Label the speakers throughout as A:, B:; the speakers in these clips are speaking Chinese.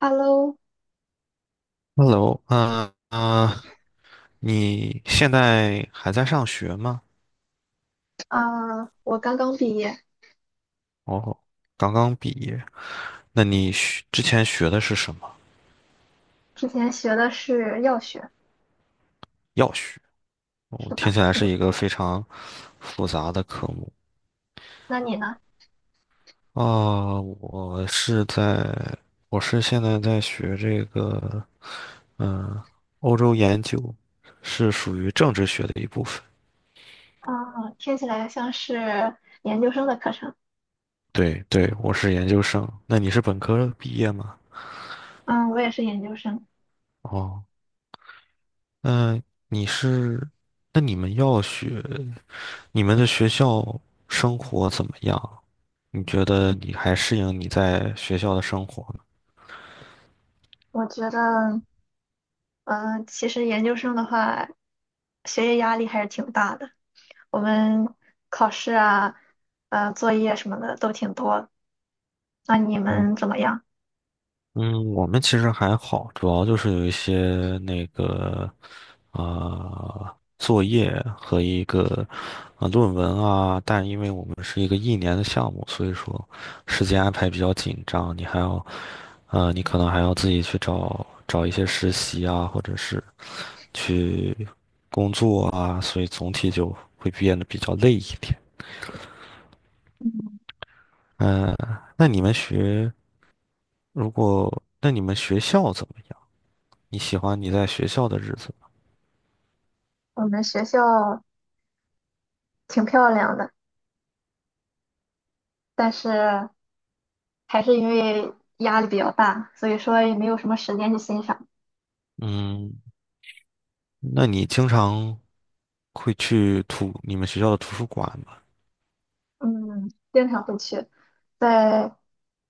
A: Hello，
B: Hello，你现在还在上学吗？
A: 啊，我刚刚毕业，
B: 哦，刚刚毕业。那你学之前学的是什么？
A: 之前学的是药学，
B: 药学。哦，
A: 是
B: 听
A: 的。
B: 起来是一个非常复杂的科目。
A: 那你呢？
B: 啊、我是在，我是现在在学这个，嗯、欧洲研究，是属于政治学的一部分。
A: 啊，听起来像是研究生的课程。
B: 对对，我是研究生。那你是本科毕业吗？
A: 嗯，我也是研究生。
B: 哦。嗯，你是，那你们要学，你们的学校生活怎么样？你觉得你还适应你在学校的生活吗？
A: 我觉得，嗯，其实研究生的话，学业压力还是挺大的。我们考试啊，作业什么的都挺多。那你们怎么样？
B: 嗯，我们其实还好，主要就是有一些那个作业和一个论文啊，但因为我们是一个一年的项目，所以说时间安排比较紧张，你还要你可能还要自己去找找一些实习啊，或者是去啊，所以总体就会变得比较累一点。嗯、那你们学，如果那你们学校怎么样？你喜欢你在学校的日子吗？
A: 我们学校挺漂亮的，但是还是因为压力比较大，所以说也没有什么时间去欣赏。
B: 嗯，那你经常会去你们学校的图书馆吗？
A: 嗯，经常会去。在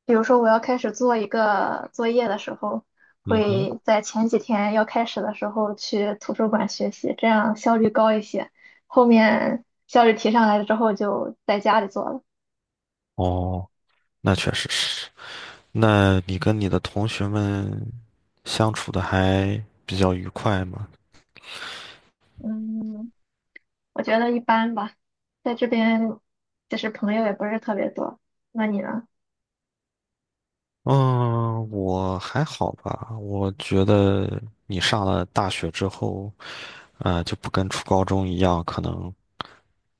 A: 比如说我要开始做一个作业的时候，
B: 嗯哼，
A: 会在前几天要开始的时候去图书馆学习，这样效率高一些。后面效率提上来了之后，就在家里做了。
B: 哦，那确实是。那你跟你的同学们相处的还比较愉快吗？
A: 嗯，我觉得一般吧，在这边就是朋友也不是特别多。那你呢？
B: 嗯，我还好吧。我觉得你上了大学之后，就不跟初高中一样，可能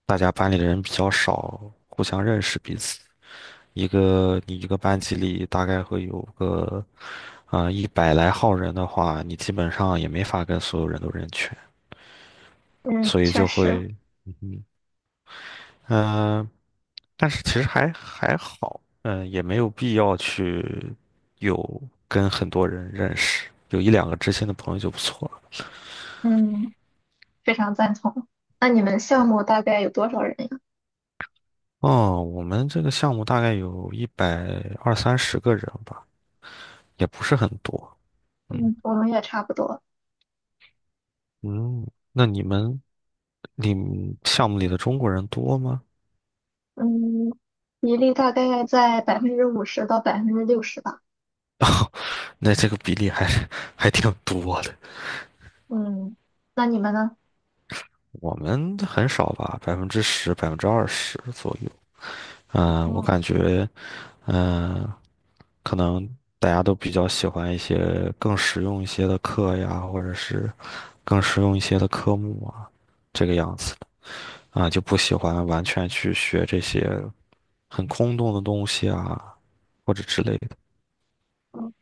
B: 大家班里的人比较少，互相认识彼此。你一个班级里大概会有个一百来号人的话，你基本上也没法跟所有人都认全，
A: 嗯，
B: 所以
A: 确
B: 就
A: 实，
B: 会。嗯、呃但是其实还好，也没有必要去有跟很多人认识，有一两个知心的朋友就不错了。
A: 嗯，非常赞同。那你们项目大概有多少人呀？
B: 哦，我们这个项目大概有一百二三十个人吧，也不是很多。嗯
A: 嗯，我们也差不多。
B: 嗯，那你们项目里的中国人多吗？
A: 嗯，比例大概在50%到60%吧。
B: 那这个比例还 还挺多的，
A: 嗯，那你们呢？
B: 我们很少吧，10%、20%左右。我
A: 嗯
B: 感觉，嗯、可能大家都比较喜欢一些更实用一些的课呀，或者是更实用一些的科目啊，这个样子啊，就不喜欢完全去学这些很空洞的东西啊，或者之类的。
A: 嗯，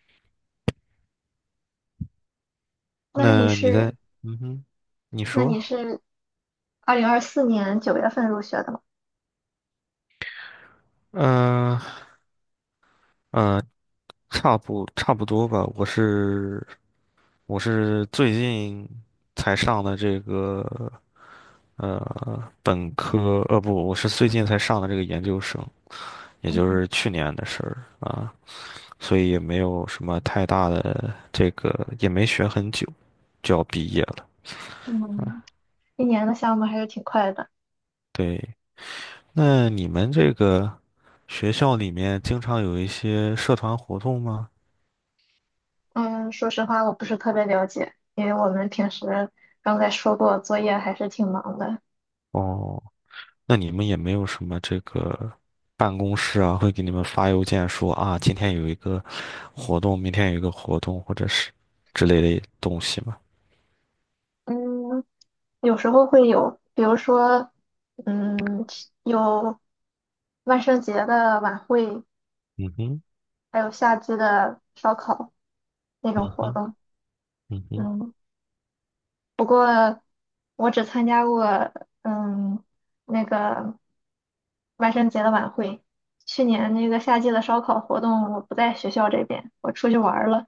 A: 那你
B: 那你
A: 是
B: 在，嗯哼，你
A: 那你
B: 说，
A: 是2024年九月份入学的吗？
B: 嗯、呃嗯、差不多吧。我是最近才上的这个本科，不，我是最近才上的这个研究生，也就
A: 嗯
B: 是去年的事儿啊，所以也没有什么太大的这个，也没学很久，就要毕业了。
A: 嗯，一年的项目还是挺快的。
B: 对，那你们这个学校里面经常有一些社团活动吗？
A: 嗯，说实话，我不是特别了解，因为我们平时刚才说过，作业还是挺忙的。
B: 哦，那你们也没有什么这个办公室啊，会给你们发邮件说啊，今天有一个活动，明天有一个活动，或者是之类的东西吗？
A: 嗯，有时候会有，比如说，嗯，有万圣节的晚会，
B: 嗯哼，
A: 还有夏季的烧烤，那种
B: 嗯
A: 活
B: 哼，
A: 动。
B: 嗯哼，
A: 嗯，不过我只参加过嗯那个万圣节的晚会。去年那个夏季的烧烤活动，我不在学校这边，我出去玩儿了。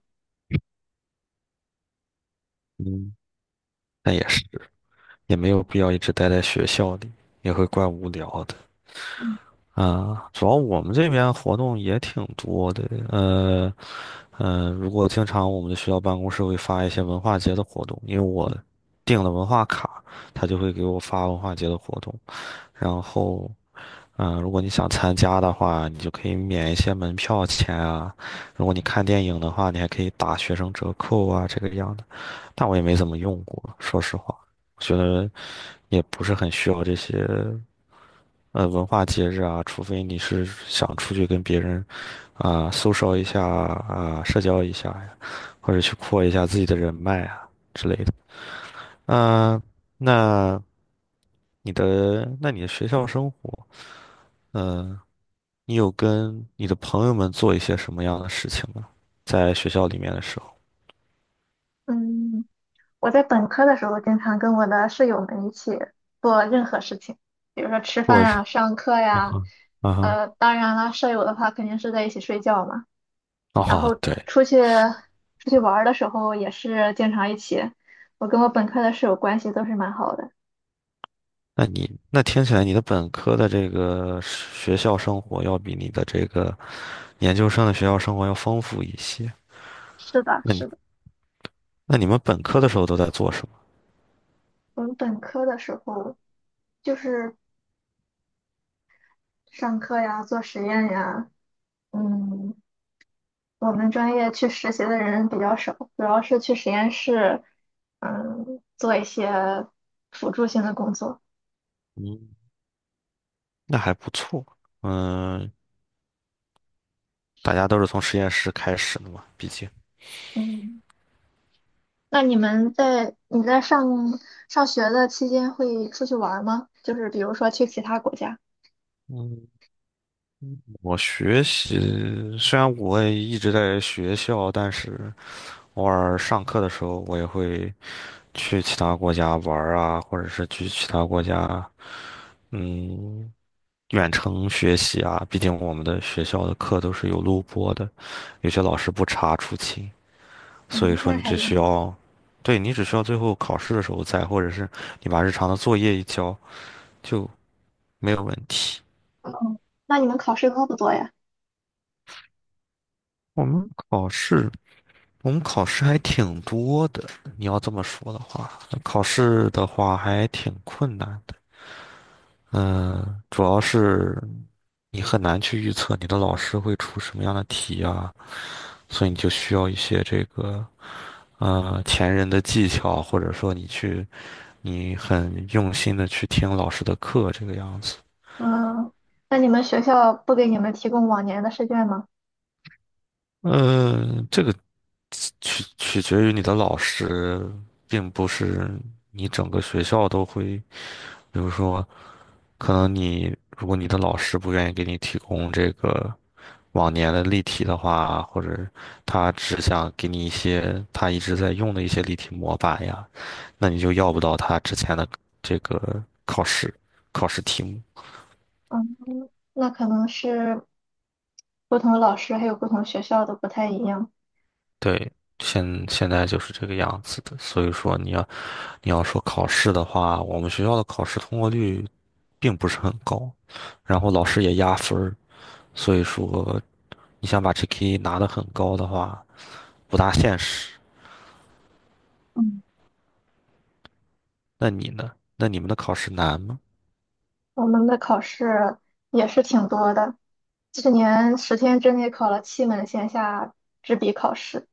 B: 嗯，那也是，也没有必要一直待在学校里，也会怪无聊的。啊，主要我们这边活动也挺多的，呃，如果经常我们的学校办公室会发一些文化节的活动，因为我订了文化卡，他就会给我发文化节的活动，然后，如果你想参加的话，你就可以免一些门票钱啊，如果你看电影的话，你还可以打学生折扣啊，这个样的，但我也没怎么用过，说实话，我觉得也不是很需要这些文化节日啊，除非你是想出去跟别人啊、social 一下啊、社交一下呀，或者去扩一下自己的人脉啊之类的。啊、那那你的学校生活，嗯、你有跟你的朋友们做一些什么样的事情吗？在学校里面的时候，
A: 嗯，我在本科的时候经常跟我的室友们一起做任何事情，比如说吃
B: 或
A: 饭
B: 者是
A: 啊、上课
B: 啊
A: 呀。
B: 哈啊哈
A: 当然了，舍友的话肯定是在一起睡觉嘛。
B: 啊
A: 然后
B: 哈，对，
A: 出去出去玩儿的时候也是经常一起。我跟我本科的室友关系都是蛮好的。
B: 那听起来你的本科的这个学校生活要比你的这个研究生的学校生活要丰富一些。
A: 是的，
B: 那你
A: 是的，
B: 那你们本科的时候都在做什么？
A: 我们本科的时候就是上课呀、做实验呀，嗯，我们专业去实习的人比较少，主要是去实验室做一些辅助性的工作。
B: 嗯，那还不错。嗯，大家都是从实验室开始的嘛，毕竟。
A: 嗯，那你在上学的期间会出去玩儿吗？就是比如说去其他国家？
B: 嗯，我学习虽然我也一直在学校，但是偶尔上课的时候，我也会去其他国家玩儿啊，或者是去其他国家，嗯。远程学习啊，毕竟我们的学校的课都是有录播的，有些老师不查出勤，
A: 嗯，
B: 所以说
A: 那
B: 你
A: 还
B: 只
A: 蛮
B: 需
A: 好。
B: 要，对，你只需要最后考试的时候在，或者是你把日常的作业一交，就没有问题。
A: 嗯，那你们考试多不多呀？
B: 我们考试，我们考试还挺多的，你要这么说的话，考试的话还挺困难的。嗯，主要是你很难去预测你的老师会出什么样的题啊，所以你就需要一些这个。前人的技巧，或者说你很用心的去听老师的课这个样子。
A: 嗯，那你们学校不给你们提供往年的试卷吗？
B: 嗯，这个取决于你的老师，并不是你整个学校都会。比如说，可能你如果你的老师不愿意给你提供这个往年的例题的话，或者他只想给你一些他一直在用的一些例题模板呀，那你就要不到他之前的这个考试题目。
A: 嗯，那可能是不同的老师还有不同学校都不太一样。
B: 对，现在就是这个样子的，所以说你要说考试的话，我们学校的考试通过率并不是很高，然后老师也压分儿，所以说你想把 GK 拿的很高的话，不大现实。
A: 嗯，
B: 那你呢？那你们的考试难吗？
A: 我们的考试也是挺多的，去年10天之内考了七门线下纸笔考试。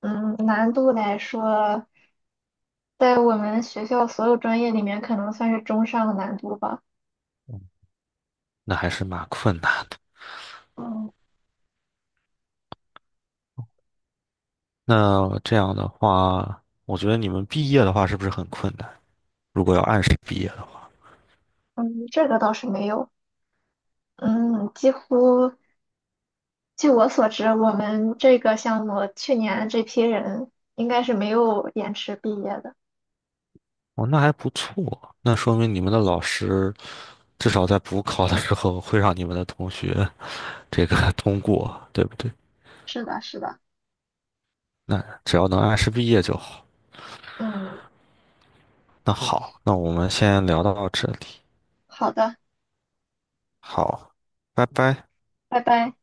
A: 嗯，难度来说，在我们学校所有专业里面，可能算是中上的难度吧。
B: 那还是蛮困难的。
A: 嗯
B: 那这样的话，我觉得你们毕业的话是不是很困难？如果要按时毕业的话，
A: 嗯，这个倒是没有。嗯，几乎据我所知，我们这个项目去年这批人应该是没有延迟毕业的。
B: 哦，那还不错，那说明你们的老师。至少在补考的时候会让你们的同学 这个通过，对不对？
A: 是的，是的。
B: 那只要能按时毕业就好。
A: 嗯，
B: 那好，那我们先聊到这里，
A: 好的，
B: 好，拜拜。
A: 拜拜。